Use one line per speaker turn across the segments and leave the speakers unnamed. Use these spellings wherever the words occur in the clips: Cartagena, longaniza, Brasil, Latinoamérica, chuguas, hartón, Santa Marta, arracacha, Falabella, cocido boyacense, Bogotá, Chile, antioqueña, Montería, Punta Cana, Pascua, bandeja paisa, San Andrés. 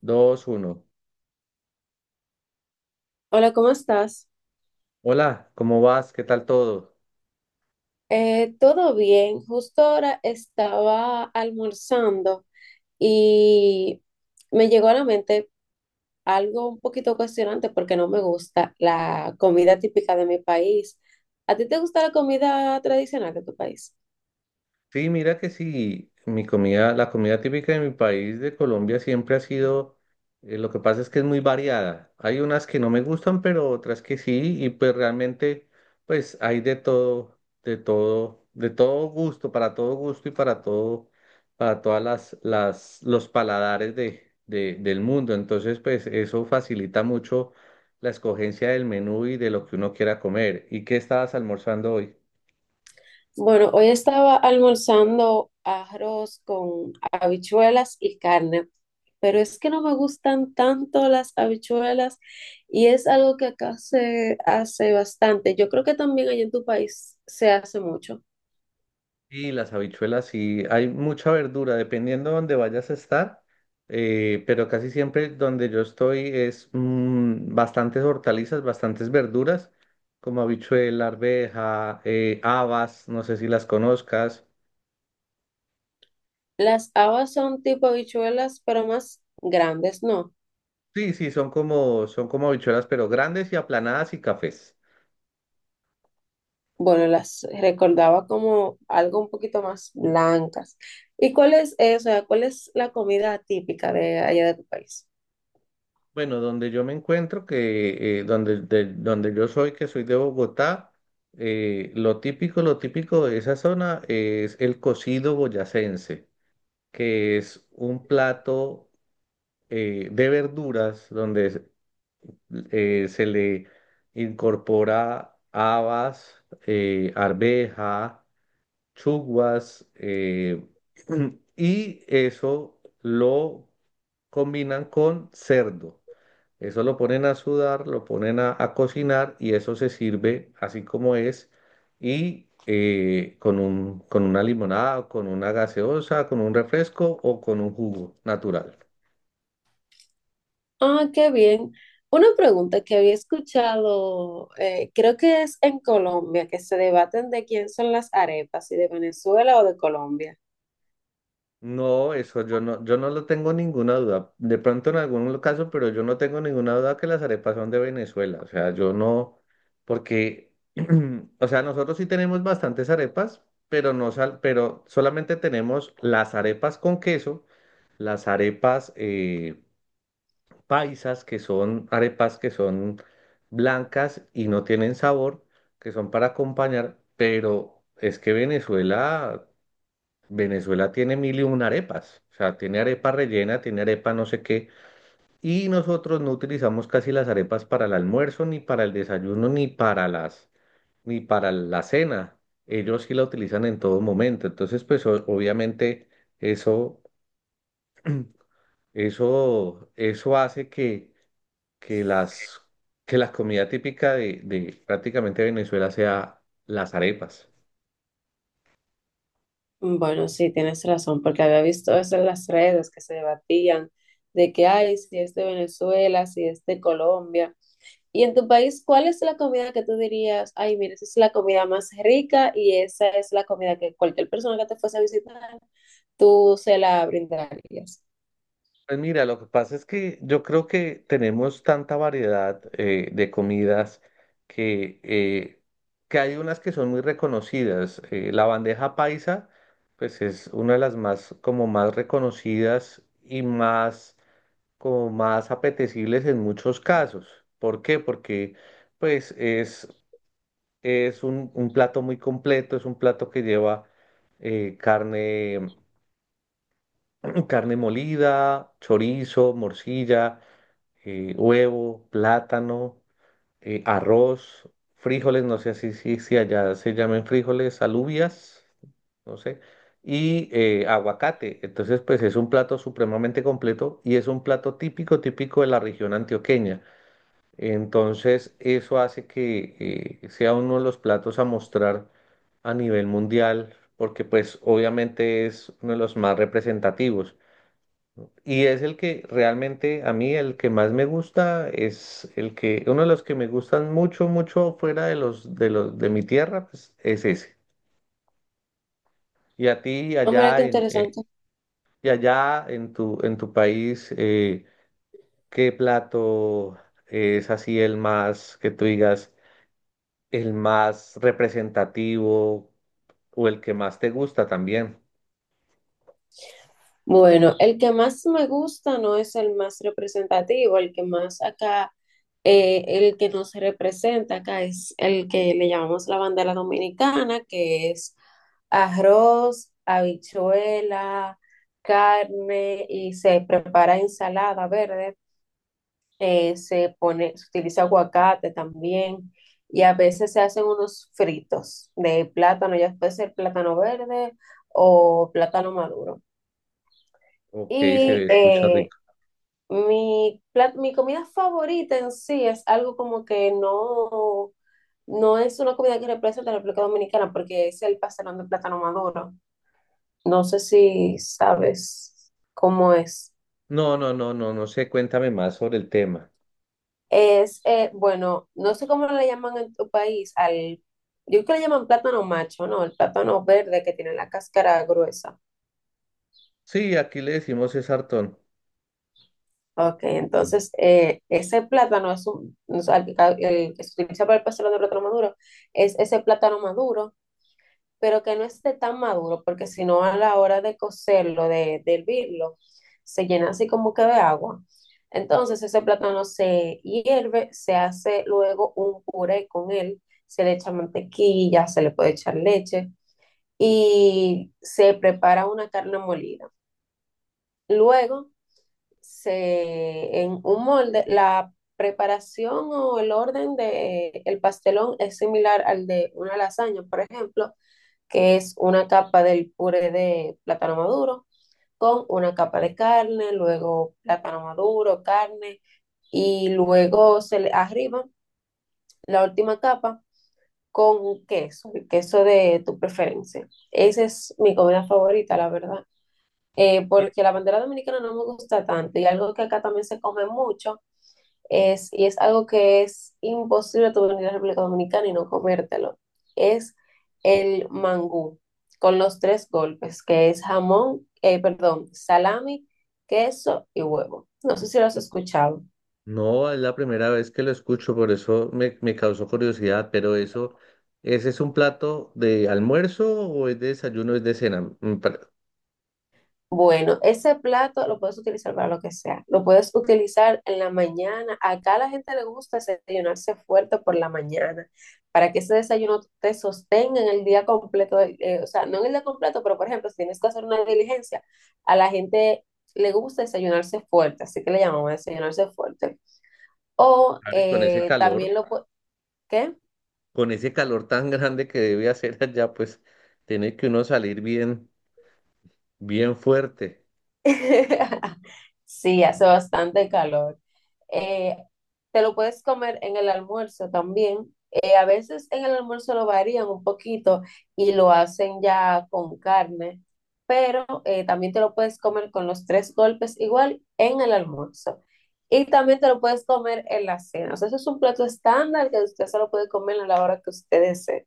Dos, uno.
Hola, ¿cómo estás?
Hola, ¿cómo vas? ¿Qué tal todo?
Todo bien. Justo ahora estaba almorzando y me llegó a la mente algo un poquito cuestionante porque no me gusta la comida típica de mi país. ¿A ti te gusta la comida tradicional de tu país?
Sí, mira que sí, mi comida, la comida típica de mi país, de Colombia, siempre ha sido, lo que pasa es que es muy variada. Hay unas que no me gustan, pero otras que sí, y pues realmente, pues hay de todo, de todo, de todo gusto, para todo gusto y para todo, para todas los paladares del mundo. Entonces, pues eso facilita mucho la escogencia del menú y de lo que uno quiera comer. ¿Y qué estabas almorzando hoy?
Bueno, hoy estaba almorzando arroz con habichuelas y carne, pero es que no me gustan tanto las habichuelas y es algo que acá se hace bastante. Yo creo que también allá en tu país se hace mucho.
Y las habichuelas, sí, hay mucha verdura, dependiendo de dónde vayas a estar, pero casi siempre donde yo estoy es bastantes hortalizas, bastantes verduras, como habichuela, arveja, habas, no sé si las conozcas.
Las habas son tipo habichuelas, pero más grandes, ¿no?
Sí, sí, son como habichuelas, pero grandes y aplanadas y cafés.
Bueno, las recordaba como algo un poquito más blancas. ¿Y cuál es eso? ¿Cuál es la comida típica de allá de tu país?
Bueno, donde yo me encuentro, que donde, donde yo soy, que soy de Bogotá, lo típico de esa zona es el cocido boyacense, que es un plato de verduras donde se se le incorpora habas, arveja, chuguas, y eso lo combinan con cerdo. Eso lo ponen a sudar, lo ponen a cocinar y eso se sirve así como es y con un, con una limonada, con una gaseosa, con un refresco o con un jugo natural.
Ah, qué bien. Una pregunta que había escuchado, creo que es en Colombia, que se debaten de quién son las arepas, si de Venezuela o de Colombia.
No, eso yo no, yo no lo tengo ninguna duda. De pronto en algún caso, pero yo no tengo ninguna duda que las arepas son de Venezuela. O sea, yo no, porque, o sea, nosotros sí tenemos bastantes arepas, pero no sal, pero solamente tenemos las arepas con queso, las arepas paisas, que son arepas que son blancas y no tienen sabor, que son para acompañar, pero es que Venezuela, Venezuela tiene mil y una arepas. O sea, tiene arepa rellena, tiene arepa no sé qué, y nosotros no utilizamos casi las arepas para el almuerzo, ni para el desayuno, ni para las, ni para la cena. Ellos sí la utilizan en todo momento. Entonces, pues obviamente eso, eso, eso hace que las, que la comida típica de prácticamente Venezuela sea las arepas.
Bueno, sí, tienes razón, porque había visto eso en las redes que se debatían de que hay, si es de Venezuela, si es de Colombia. Y en tu país, ¿cuál es la comida que tú dirías, ay, mira, esa es la comida más rica y esa es la comida que cualquier persona que te fuese a visitar, tú se la brindarías?
Pues mira, lo que pasa es que yo creo que tenemos tanta variedad de comidas que, eh, que hay unas que son muy reconocidas. La bandeja paisa, pues es una de las más como más reconocidas y más como más apetecibles en muchos casos. ¿Por qué? Porque pues es un plato muy completo, es un plato que lleva carne, carne molida, chorizo, morcilla, huevo, plátano, arroz, frijoles, no sé si allá se llamen frijoles, alubias, no sé, y aguacate. Entonces, pues es un plato supremamente completo y es un plato típico, típico de la región antioqueña. Entonces, eso hace que sea uno de los platos a mostrar a nivel mundial, porque pues obviamente es uno de los más representativos. Y es el que realmente a mí el que más me gusta es el que uno de los que me gustan mucho mucho fuera de los de los de mi tierra pues, es ese. Y a ti
Ah, mira qué
allá en
interesante.
y allá en tu país ¿qué plato es así el más que tú digas el más representativo o el que más te gusta también?
Bueno, el que más me gusta no es el más representativo, el que más acá, el que nos representa acá es el que le llamamos la bandera dominicana, que es arroz, habichuela, carne y se prepara ensalada verde, se pone, se utiliza aguacate también y a veces se hacen unos fritos de plátano, ya puede ser plátano verde o plátano maduro.
Ok, se
Y
escucha
eh,
rico.
mi, plat- mi comida favorita en sí es algo como que no es una comida que representa a la República Dominicana porque es el pastelón de plátano maduro. No sé si sabes cómo es.
No, no, no, no, no sé, cuéntame más sobre el tema.
Es, bueno, no sé cómo le llaman en tu país al, yo creo que le llaman plátano macho, ¿no? El plátano verde que tiene la cáscara gruesa.
Sí, aquí le decimos es hartón.
Ok, entonces ese plátano es un, o sea, el que se utiliza para el pastelón de plátano maduro, es ese plátano maduro pero que no esté tan maduro, porque si no a la hora de cocerlo, de hervirlo, se llena así como que de agua. Entonces ese plátano se hierve, se hace luego un puré con él, se le echa mantequilla, se le puede echar leche y se prepara una carne molida. Luego se en un molde la preparación o el orden de el pastelón es similar al de una lasaña, por ejemplo, que es una capa del puré de plátano maduro con una capa de carne, luego plátano maduro, carne y luego se le arriba la última capa con un queso, el queso de tu preferencia. Esa es mi comida favorita, la verdad. Porque la bandera dominicana no me gusta tanto y algo que acá también se come mucho es, y es algo que es imposible tú venir a la República Dominicana y no comértelo. Es el mangú, con los tres golpes, que es jamón, perdón, salami, queso y huevo. No sé si lo has escuchado.
No, es la primera vez que lo escucho, por eso me, me causó curiosidad, pero eso, ¿ese es un plato de almuerzo o es de desayuno, es de cena?
Bueno, ese plato lo puedes utilizar para lo que sea. Lo puedes utilizar en la mañana. Acá a la gente le gusta desayunarse fuerte por la mañana para que ese desayuno te sostenga en el día completo. O sea, no en el día completo, pero por ejemplo, si tienes que hacer una diligencia, a la gente le gusta desayunarse fuerte, así que le llamamos desayunarse fuerte. O
Claro, y
también lo puedes... ¿Qué?
con ese calor tan grande que debe hacer allá, pues tiene que uno salir bien, bien fuerte.
Sí, hace bastante calor. Eh, Te lo puedes comer en el almuerzo también. A veces en el almuerzo lo varían un poquito y lo hacen ya con carne, pero también te lo puedes comer con los tres golpes igual en el almuerzo. Y también te lo puedes comer en la cena. O sea, eso es un plato estándar que usted solo puede comer a la hora que usted desee.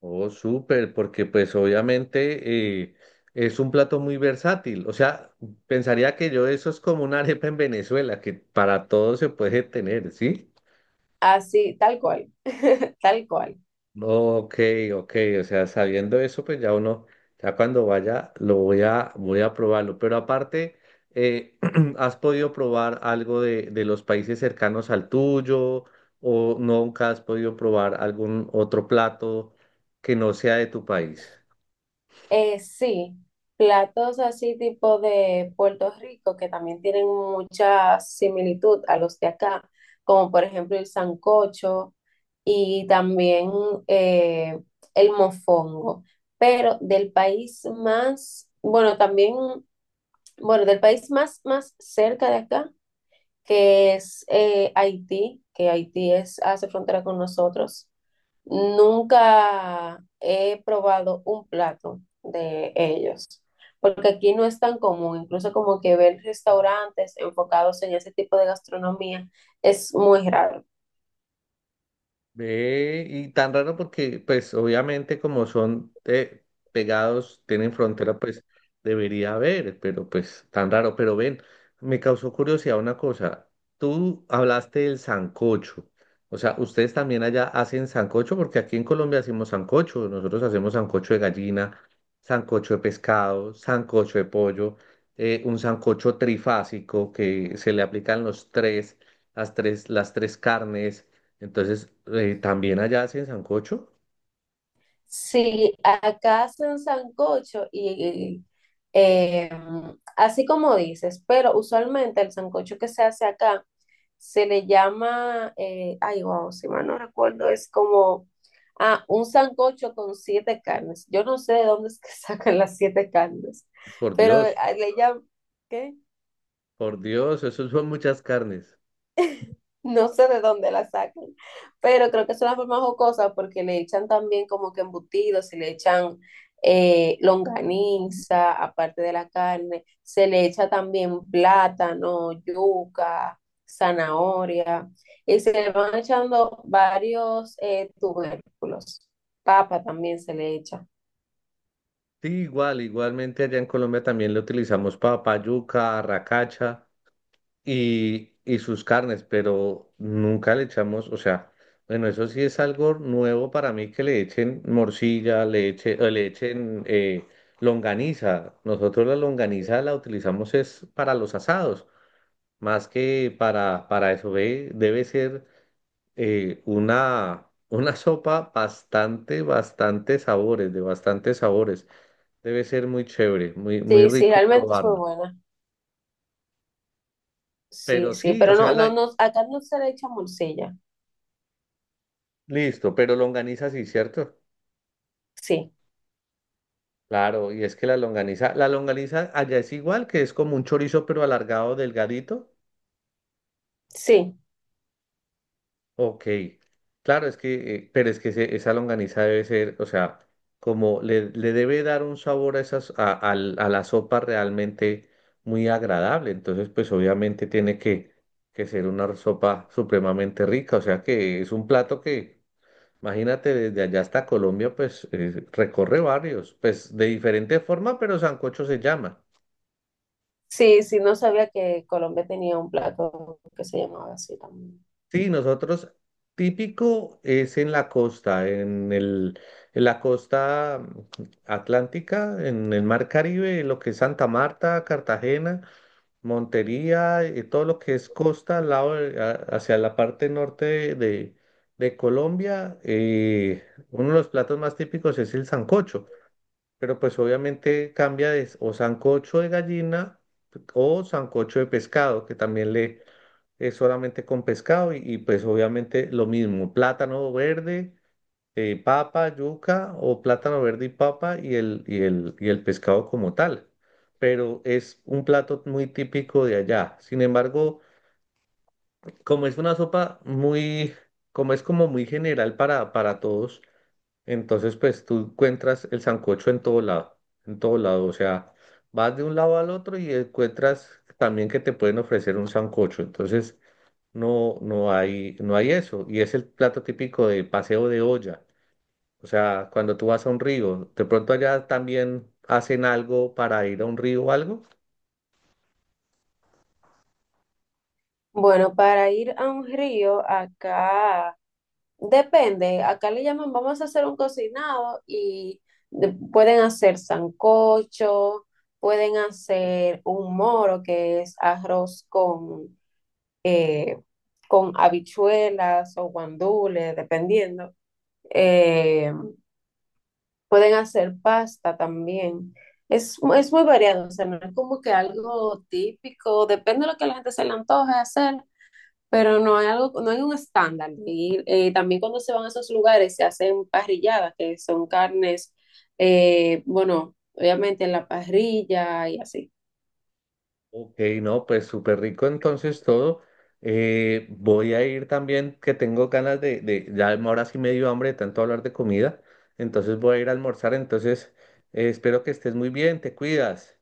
Oh, súper, porque pues obviamente es un plato muy versátil. O sea, pensaría que yo eso es como una arepa en Venezuela, que para todo se puede tener, ¿sí?
Así, tal cual, tal cual.
Ok, ok, o sea, sabiendo eso, pues ya uno, ya cuando vaya, lo voy a, voy a probarlo. Pero aparte, eh, ¿has podido probar algo de los países cercanos al tuyo? ¿O nunca has podido probar algún otro plato que no sea de tu país?
Sí, platos así tipo de Puerto Rico que también tienen mucha similitud a los de acá, como por ejemplo el sancocho y también eh, el mofongo, pero del país más, bueno, también, bueno, del país más, más cerca de acá, que es Haití, que Haití es, hace frontera con nosotros. Nunca he probado un plato de ellos, porque aquí no es tan común, incluso como que ver restaurantes enfocados en ese tipo de gastronomía es muy raro.
Ve, y tan raro porque, pues, obviamente como son pegados, tienen frontera, pues, debería haber, pero pues, tan raro. Pero ven, me causó curiosidad una cosa. Tú hablaste del sancocho. O sea, ¿ustedes también allá hacen sancocho? Porque aquí en Colombia hacemos sancocho. Nosotros hacemos sancocho de gallina, sancocho de pescado, sancocho de pollo, un sancocho trifásico que se le aplican los tres, las tres carnes entonces, también allá hacen sancocho.
Si acá hacen sancocho y eh, así como dices, pero usualmente el sancocho que se hace acá se le llama, ay, wow, si mal no recuerdo, es como ah, un sancocho con siete carnes. Yo no sé de dónde es que sacan las siete carnes,
Por
pero
Dios,
le llaman, ¿qué?
por Dios, eso son muchas carnes.
No sé de dónde la sacan, pero creo que es una forma jocosa porque le echan también como que embutidos, se le echan longaniza, aparte de la carne, se le echa también plátano, yuca, zanahoria, y se le van echando varios tubérculos. Papa también se le echa.
Sí, igual, igualmente allá en Colombia también le utilizamos papa, yuca, arracacha y sus carnes, pero nunca le echamos, o sea, bueno, eso sí es algo nuevo para mí que le echen morcilla, le eche, o le echen longaniza. Nosotros la longaniza la utilizamos es para los asados, más que para eso, ¿ve? Debe ser una sopa bastante, bastante sabores, de bastantes sabores. Debe ser muy chévere, muy, muy
Sí, sí,
rico
realmente es muy
probarla.
buena. Sí,
Pero
sí,
sí, o
pero
sea,
no,
la...
no, no, acá no se le echa morcilla.
listo, pero longaniza sí, ¿cierto?
Sí,
Claro, y es que la longaniza allá es igual, que es como un chorizo pero alargado, delgadito.
sí.
Ok, claro, es que, pero es que esa longaniza debe ser, o sea, como le debe dar un sabor a esas, a, a la sopa realmente muy agradable. Entonces, pues obviamente tiene que ser una sopa supremamente rica. O sea que es un plato que, imagínate, desde allá hasta Colombia, pues recorre varios, pues de diferente forma, pero sancocho se llama.
Sí, sí, no sabía que Colombia tenía un plato que se llamaba así también.
Sí, nosotros típico es en la costa, en el, en la costa atlántica, en el mar Caribe, lo que es Santa Marta, Cartagena, Montería, todo lo que es costa al lado hacia la parte norte de Colombia. Eh, uno de los platos más típicos es el sancocho, pero pues obviamente cambia o sancocho de gallina o sancocho de pescado, que también le es solamente con pescado y, pues obviamente lo mismo, plátano verde, papa, yuca o plátano verde y papa y el, y el, y el pescado como tal. Pero es un plato muy típico de allá. Sin embargo, como es una sopa muy, como es como muy general para todos, entonces pues tú encuentras el sancocho en todo lado, o sea, vas de un lado al otro y encuentras también que te pueden ofrecer un sancocho. Entonces, no, no hay, no hay eso. Y es el plato típico de paseo de olla. O sea, cuando tú vas a un río, de pronto allá también hacen algo para ir a un río o algo.
Bueno, para ir a un río, acá depende, acá le llaman, vamos a hacer un cocinado y pueden hacer sancocho, pueden hacer un moro, que es arroz eh, con habichuelas o guandules, dependiendo. eh, Pueden hacer pasta también. Es, es muy variado, o sea, no es como que algo típico, depende de lo que a la gente se le antoje hacer, pero no hay algo, no hay un estándar. Y también cuando se van a esos lugares se hacen parrilladas, que son carnes, bueno, obviamente en la parrilla y así.
Ok, no, pues súper rico entonces todo. Voy a ir también, que tengo ganas de, ya ahora sí me dio hambre de tanto hablar de comida. Entonces voy a ir a almorzar. Entonces, espero que estés muy bien, te cuidas.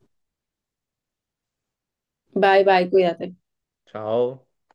Bye, bye, cuídate.
Chao.